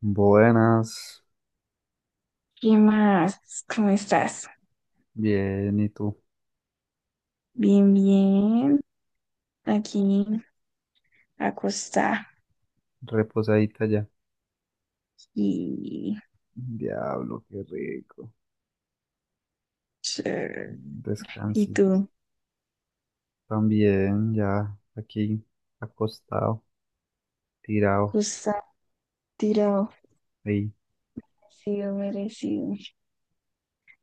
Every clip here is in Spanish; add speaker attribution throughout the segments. Speaker 1: Buenas,
Speaker 2: ¿Qué más? ¿Cómo estás?
Speaker 1: bien, ¿y tú?
Speaker 2: Bien, bien. Aquí, acostada.
Speaker 1: Reposadita ya.
Speaker 2: Y,
Speaker 1: Diablo, qué rico.
Speaker 2: chévere. ¿Y
Speaker 1: Descansi.
Speaker 2: tú?
Speaker 1: También, ya aquí, acostado, tirado,
Speaker 2: Acostada, tirado.
Speaker 1: ahí.
Speaker 2: Merecido, merecido.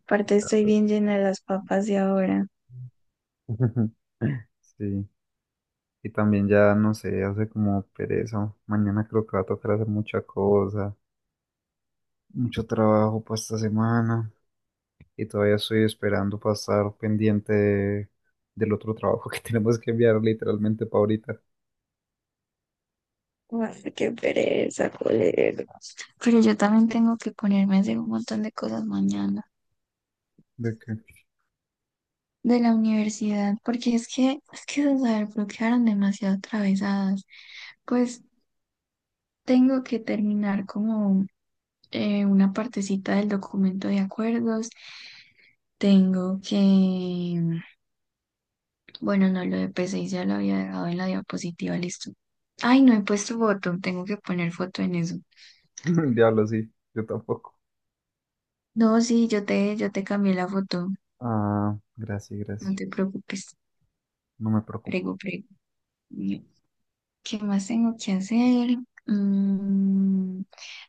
Speaker 2: Aparte, estoy bien llena de las papas de ahora.
Speaker 1: Sí. Y también ya, no sé, hace como pereza. Mañana creo que va a tocar hacer mucha cosa. Mucho trabajo para esta semana. Y todavía estoy esperando para estar pendiente de- del otro trabajo que tenemos que enviar literalmente para ahorita.
Speaker 2: Ay, qué pereza, colega. Pero yo también tengo que ponerme a hacer un montón de cosas mañana
Speaker 1: ¿De qué?
Speaker 2: de la universidad, porque es que esas bloquearon demasiado atravesadas. Pues tengo que terminar como una partecita del documento de acuerdos. Tengo que, bueno, no, lo de PCI ya lo había dejado en la diapositiva, listo. Ay, no he puesto foto, tengo que poner foto en eso.
Speaker 1: Diablo, sí, yo tampoco.
Speaker 2: No, sí, yo te cambié la foto,
Speaker 1: Ah, gracias,
Speaker 2: no
Speaker 1: gracias.
Speaker 2: te preocupes,
Speaker 1: No me preocupo.
Speaker 2: prego, prego. ¿Qué más tengo que hacer? Mm,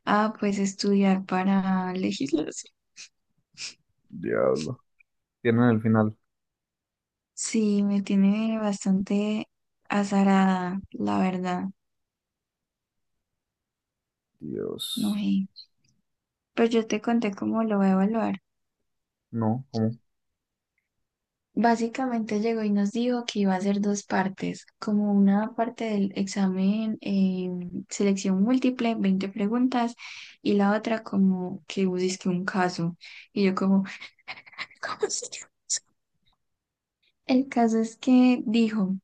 Speaker 2: ah, pues estudiar para legislación.
Speaker 1: Diablo. Tienen el final.
Speaker 2: Sí, me tiene bastante azarada, la verdad. No
Speaker 1: Dios.
Speaker 2: sé. Pues yo te conté cómo lo voy a evaluar.
Speaker 1: No, ¿cómo?
Speaker 2: Básicamente llegó y nos dijo que iba a hacer dos partes, como una parte del examen selección múltiple, 20 preguntas, y la otra como que busque un caso. Y yo como, ¿cómo se llama eso? El caso es que dijo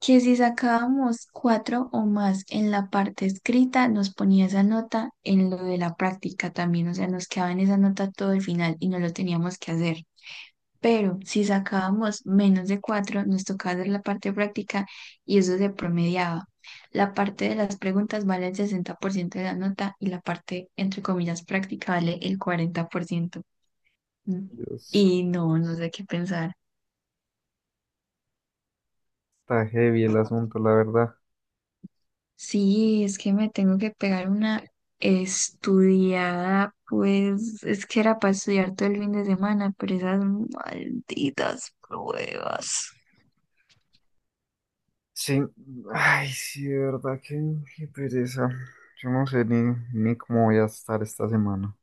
Speaker 2: que si sacábamos cuatro o más en la parte escrita, nos ponía esa nota en lo de la práctica también, o sea, nos quedaba en esa nota todo el final y no lo teníamos que hacer. Pero si sacábamos menos de cuatro, nos tocaba hacer la parte práctica y eso se promediaba. La parte de las preguntas vale el 60% de la nota y la parte, entre comillas, práctica vale el 40%. Mm.
Speaker 1: Dios.
Speaker 2: Y no, no sé qué pensar.
Speaker 1: Está heavy el asunto, la verdad.
Speaker 2: Sí, es que me tengo que pegar una estudiada, pues es que era para estudiar todo el fin de semana, pero esas malditas pruebas.
Speaker 1: Sí. Ay, sí, de verdad, qué, qué pereza. Yo no sé ni cómo voy a estar esta semana.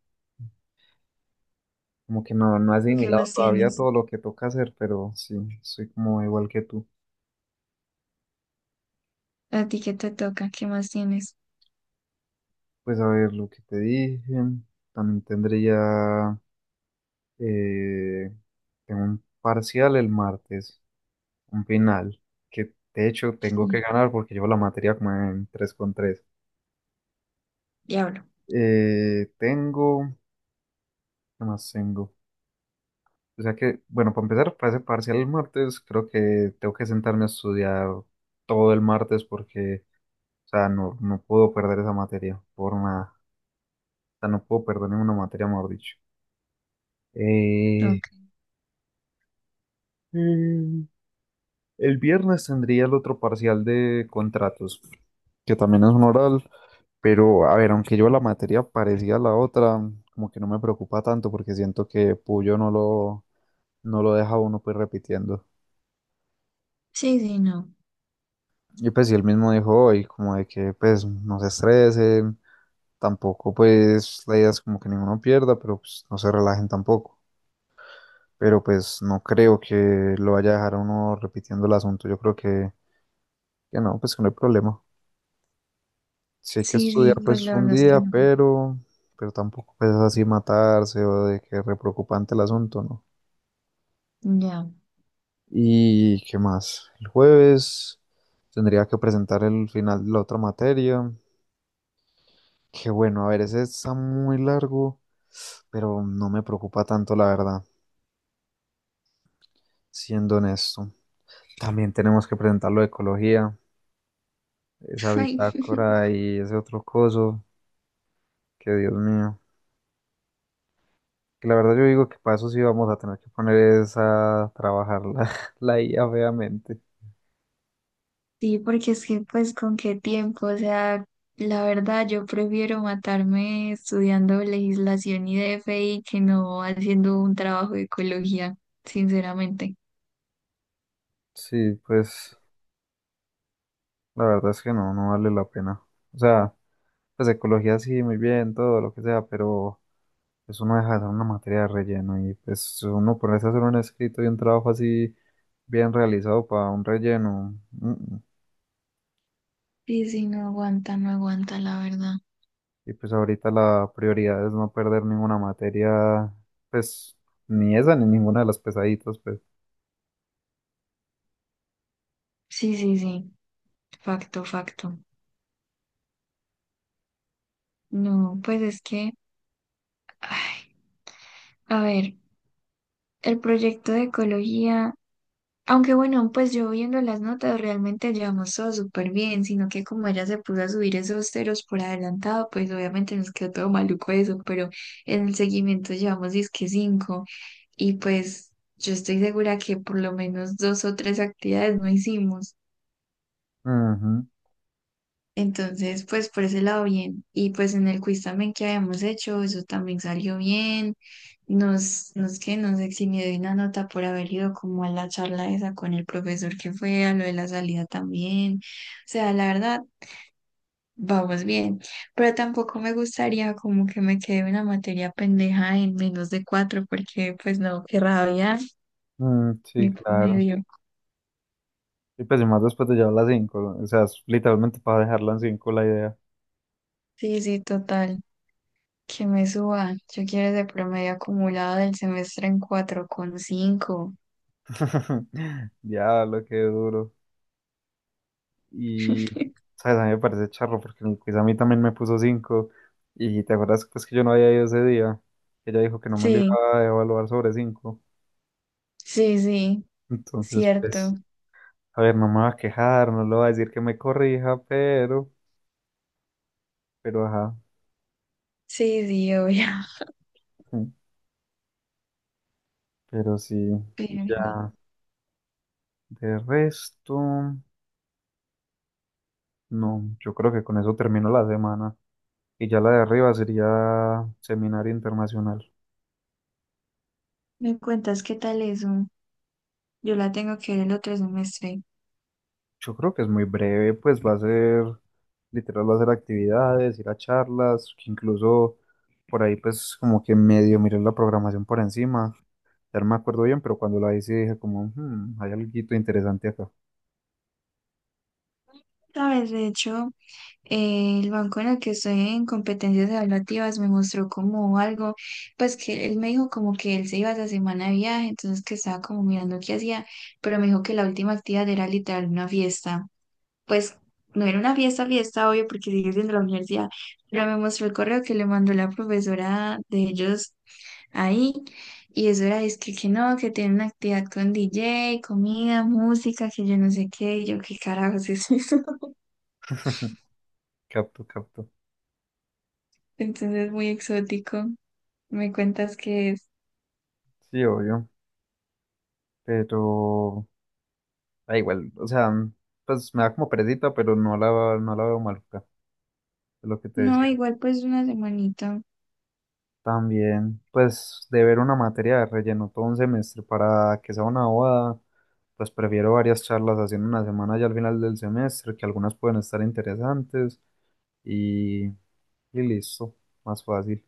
Speaker 1: Como que no he
Speaker 2: ¿Tú ¿Qué
Speaker 1: asimilado
Speaker 2: más
Speaker 1: todavía
Speaker 2: tienes?
Speaker 1: todo lo que toca hacer, pero sí, soy como igual que tú.
Speaker 2: ¿A ti qué te toca? ¿Qué más tienes?
Speaker 1: Pues a ver lo que te dije. También tendría... Eh, tengo un parcial el martes. Un final, que de hecho tengo que
Speaker 2: Sí.
Speaker 1: ganar porque llevo la materia como en 3 con tres.
Speaker 2: Diablo.
Speaker 1: Tengo, ¿qué más tengo? O sea que, bueno, para empezar, para ese parcial el martes, creo que tengo que sentarme a estudiar todo el martes porque, o sea, no puedo perder esa materia por nada. O sea, no puedo perder ninguna materia, mejor dicho. Eh,
Speaker 2: Ok.
Speaker 1: El viernes tendría el otro parcial de contratos, que también es un oral, pero a ver, aunque yo la materia parecía la otra, como que no me preocupa tanto porque siento que Puyo no lo deja a uno pues repitiendo.
Speaker 2: Sí, sí, no.
Speaker 1: Y pues si él mismo dijo hoy, como de que pues no se estresen, tampoco pues la idea es como que ninguno pierda, pero pues no se relajen tampoco. Pero pues no creo que lo vaya a dejar a uno repitiendo el asunto, yo creo que no, pues que no hay problema. Sí hay que
Speaker 2: Sí,
Speaker 1: estudiar
Speaker 2: sí, pues
Speaker 1: pues
Speaker 2: la
Speaker 1: un
Speaker 2: verdad es
Speaker 1: día,
Speaker 2: que no.
Speaker 1: pero tampoco pues así matarse o de que re preocupante el asunto, ¿no?
Speaker 2: Ya.
Speaker 1: ¿Y qué más? El jueves tendría que presentar el final de la otra materia, que bueno, a ver, ese está muy largo, pero no me preocupa tanto la verdad, siendo honesto. También tenemos que presentar lo de ecología, esa
Speaker 2: Ay,
Speaker 1: bitácora y ese otro coso, que Dios mío. Que la verdad yo digo que para eso sí vamos a tener que poner esa, a trabajar la, la IA feamente.
Speaker 2: sí, porque es que pues con qué tiempo, o sea, la verdad yo prefiero matarme estudiando legislación y DFI que no haciendo un trabajo de ecología, sinceramente.
Speaker 1: Sí, pues la verdad es que no vale la pena. O sea, pues ecología sí, muy bien, todo lo que sea, pero eso no deja de ser una materia de relleno y pues uno ponerse a hacer un escrito y un trabajo así bien realizado para un relleno. Mm.
Speaker 2: Sí, sí, no aguanta, no aguanta, la verdad.
Speaker 1: Y pues ahorita la prioridad es no perder ninguna materia, pues ni esa ni ninguna de las pesaditas, pues.
Speaker 2: Sí, sí, sí, facto, facto. No, pues es que, ay, a ver, el proyecto de ecología. Aunque bueno, pues yo viendo las notas realmente llevamos todo súper bien, sino que como ella se puso a subir esos ceros por adelantado, pues obviamente nos quedó todo maluco eso, pero en el seguimiento llevamos disque cinco y pues yo estoy segura que por lo menos dos o tres actividades no hicimos.
Speaker 1: Ujú.
Speaker 2: Entonces, pues por ese lado bien. Y pues en el quiz también que habíamos hecho, eso también salió bien. Nos eximió de una nota por haber ido como a la charla esa con el profesor que fue, a lo de la salida también. O sea, la verdad, vamos bien. Pero tampoco me gustaría como que me quede una materia pendeja en menos de cuatro, porque pues no, qué rabia,
Speaker 1: Sí,
Speaker 2: mi
Speaker 1: claro.
Speaker 2: promedio.
Speaker 1: Y pues y más después de llevar la cinco, o sea, es literalmente para dejarla en 5 la idea.
Speaker 2: Sí, sí, total. Que me suba. Yo quiero ese promedio acumulado del semestre en cuatro coma cinco.
Speaker 1: Diablo, qué duro. Y, ¿sabes? A mí me parece charro porque en el quiz a mí también me puso cinco. Y te acuerdas pues que yo no había ido ese día. Ella dijo que no me lo
Speaker 2: Sí,
Speaker 1: iba a evaluar sobre cinco.
Speaker 2: sí, sí,
Speaker 1: Entonces,
Speaker 2: cierto.
Speaker 1: pues, a ver, no me va a quejar, no le va a decir que me corrija, pero ajá.
Speaker 2: Sí, sí, obvio.
Speaker 1: mm, Pero sí, y
Speaker 2: Pero vení,
Speaker 1: ya, de resto, no, yo creo que con eso termino la semana. Y ya la de arriba sería seminario internacional.
Speaker 2: ¿me cuentas qué tal eso? Yo la tengo que ver el otro semestre.
Speaker 1: Yo creo que es muy breve, pues va a ser, literal, va a ser actividades, ir a charlas, que incluso por ahí pues como que medio miré la programación por encima. Ya no me acuerdo bien, pero cuando la hice dije como, "Hmm, hay algo interesante acá".
Speaker 2: Sabes, de hecho, el banco en el que estoy en competencias evaluativas me mostró como algo, pues que él me dijo como que él se iba esa semana de viaje, entonces que estaba como mirando qué hacía, pero me dijo que la última actividad era literal una fiesta. Pues no era una fiesta, fiesta, obvio, porque sigue siendo la universidad, pero me mostró el correo que le mandó la profesora de ellos ahí, y eso era, es que no, que tiene una actividad con DJ, comida, música, que yo no sé qué, y yo qué carajos es eso.
Speaker 1: Capto, capto.
Speaker 2: Entonces, muy exótico. Me cuentas que es.
Speaker 1: Sí, obvio. Pero da igual, o sea, pues me da como perecita, pero no la veo maluca, es lo que te
Speaker 2: No,
Speaker 1: decía.
Speaker 2: igual pues una semanita
Speaker 1: También, pues, de ver una materia de relleno todo un semestre para que sea una bobada, pues prefiero varias charlas haciendo una semana ya al final del semestre, que algunas pueden estar interesantes y, y listo, más fácil.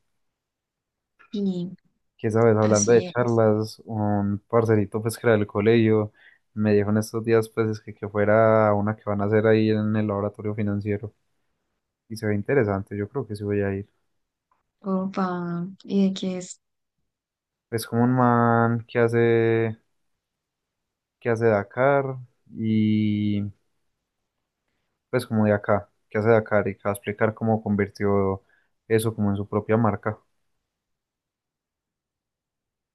Speaker 2: y
Speaker 1: Que sabes, hablando
Speaker 2: así
Speaker 1: de
Speaker 2: es.
Speaker 1: charlas, un parcerito pues que era del colegio me dijo en estos días pues es que fuera a una que van a hacer ahí en el laboratorio financiero y se ve interesante, yo creo que sí voy a ir.
Speaker 2: Opa, ¿y de que es?
Speaker 1: Es como un man que hace Dakar y pues como de acá, que hace Dakar y que va a explicar cómo convirtió eso como en su propia marca.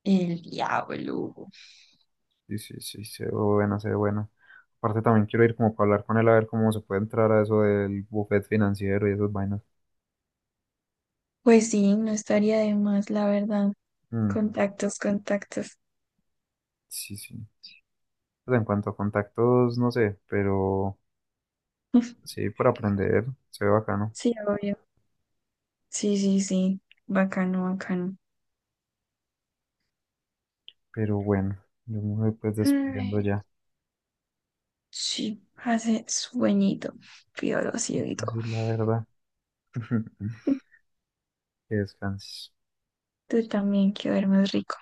Speaker 2: El diablo.
Speaker 1: Sí, sí, sí, se ve buena, se ve buena. Aparte también quiero ir como para hablar con él a ver cómo se puede entrar a eso del buffet financiero y esas vainas.
Speaker 2: Pues sí, no estaría de más, la verdad.
Speaker 1: Ujú.
Speaker 2: Contactos, contactos.
Speaker 1: Sí, sí. Pues en cuanto a contactos, no sé, pero sí, por aprender, se ve bacano.
Speaker 2: Sí, obvio. Sí, sí, sí. Bacano, bacano.
Speaker 1: Pero bueno, yo me voy pues
Speaker 2: Ay,
Speaker 1: despidiendo ya.
Speaker 2: sí, hace sueñito, piolosito y todo.
Speaker 1: Así la verdad. Que descanses.
Speaker 2: Tú también, quiero ver más rico.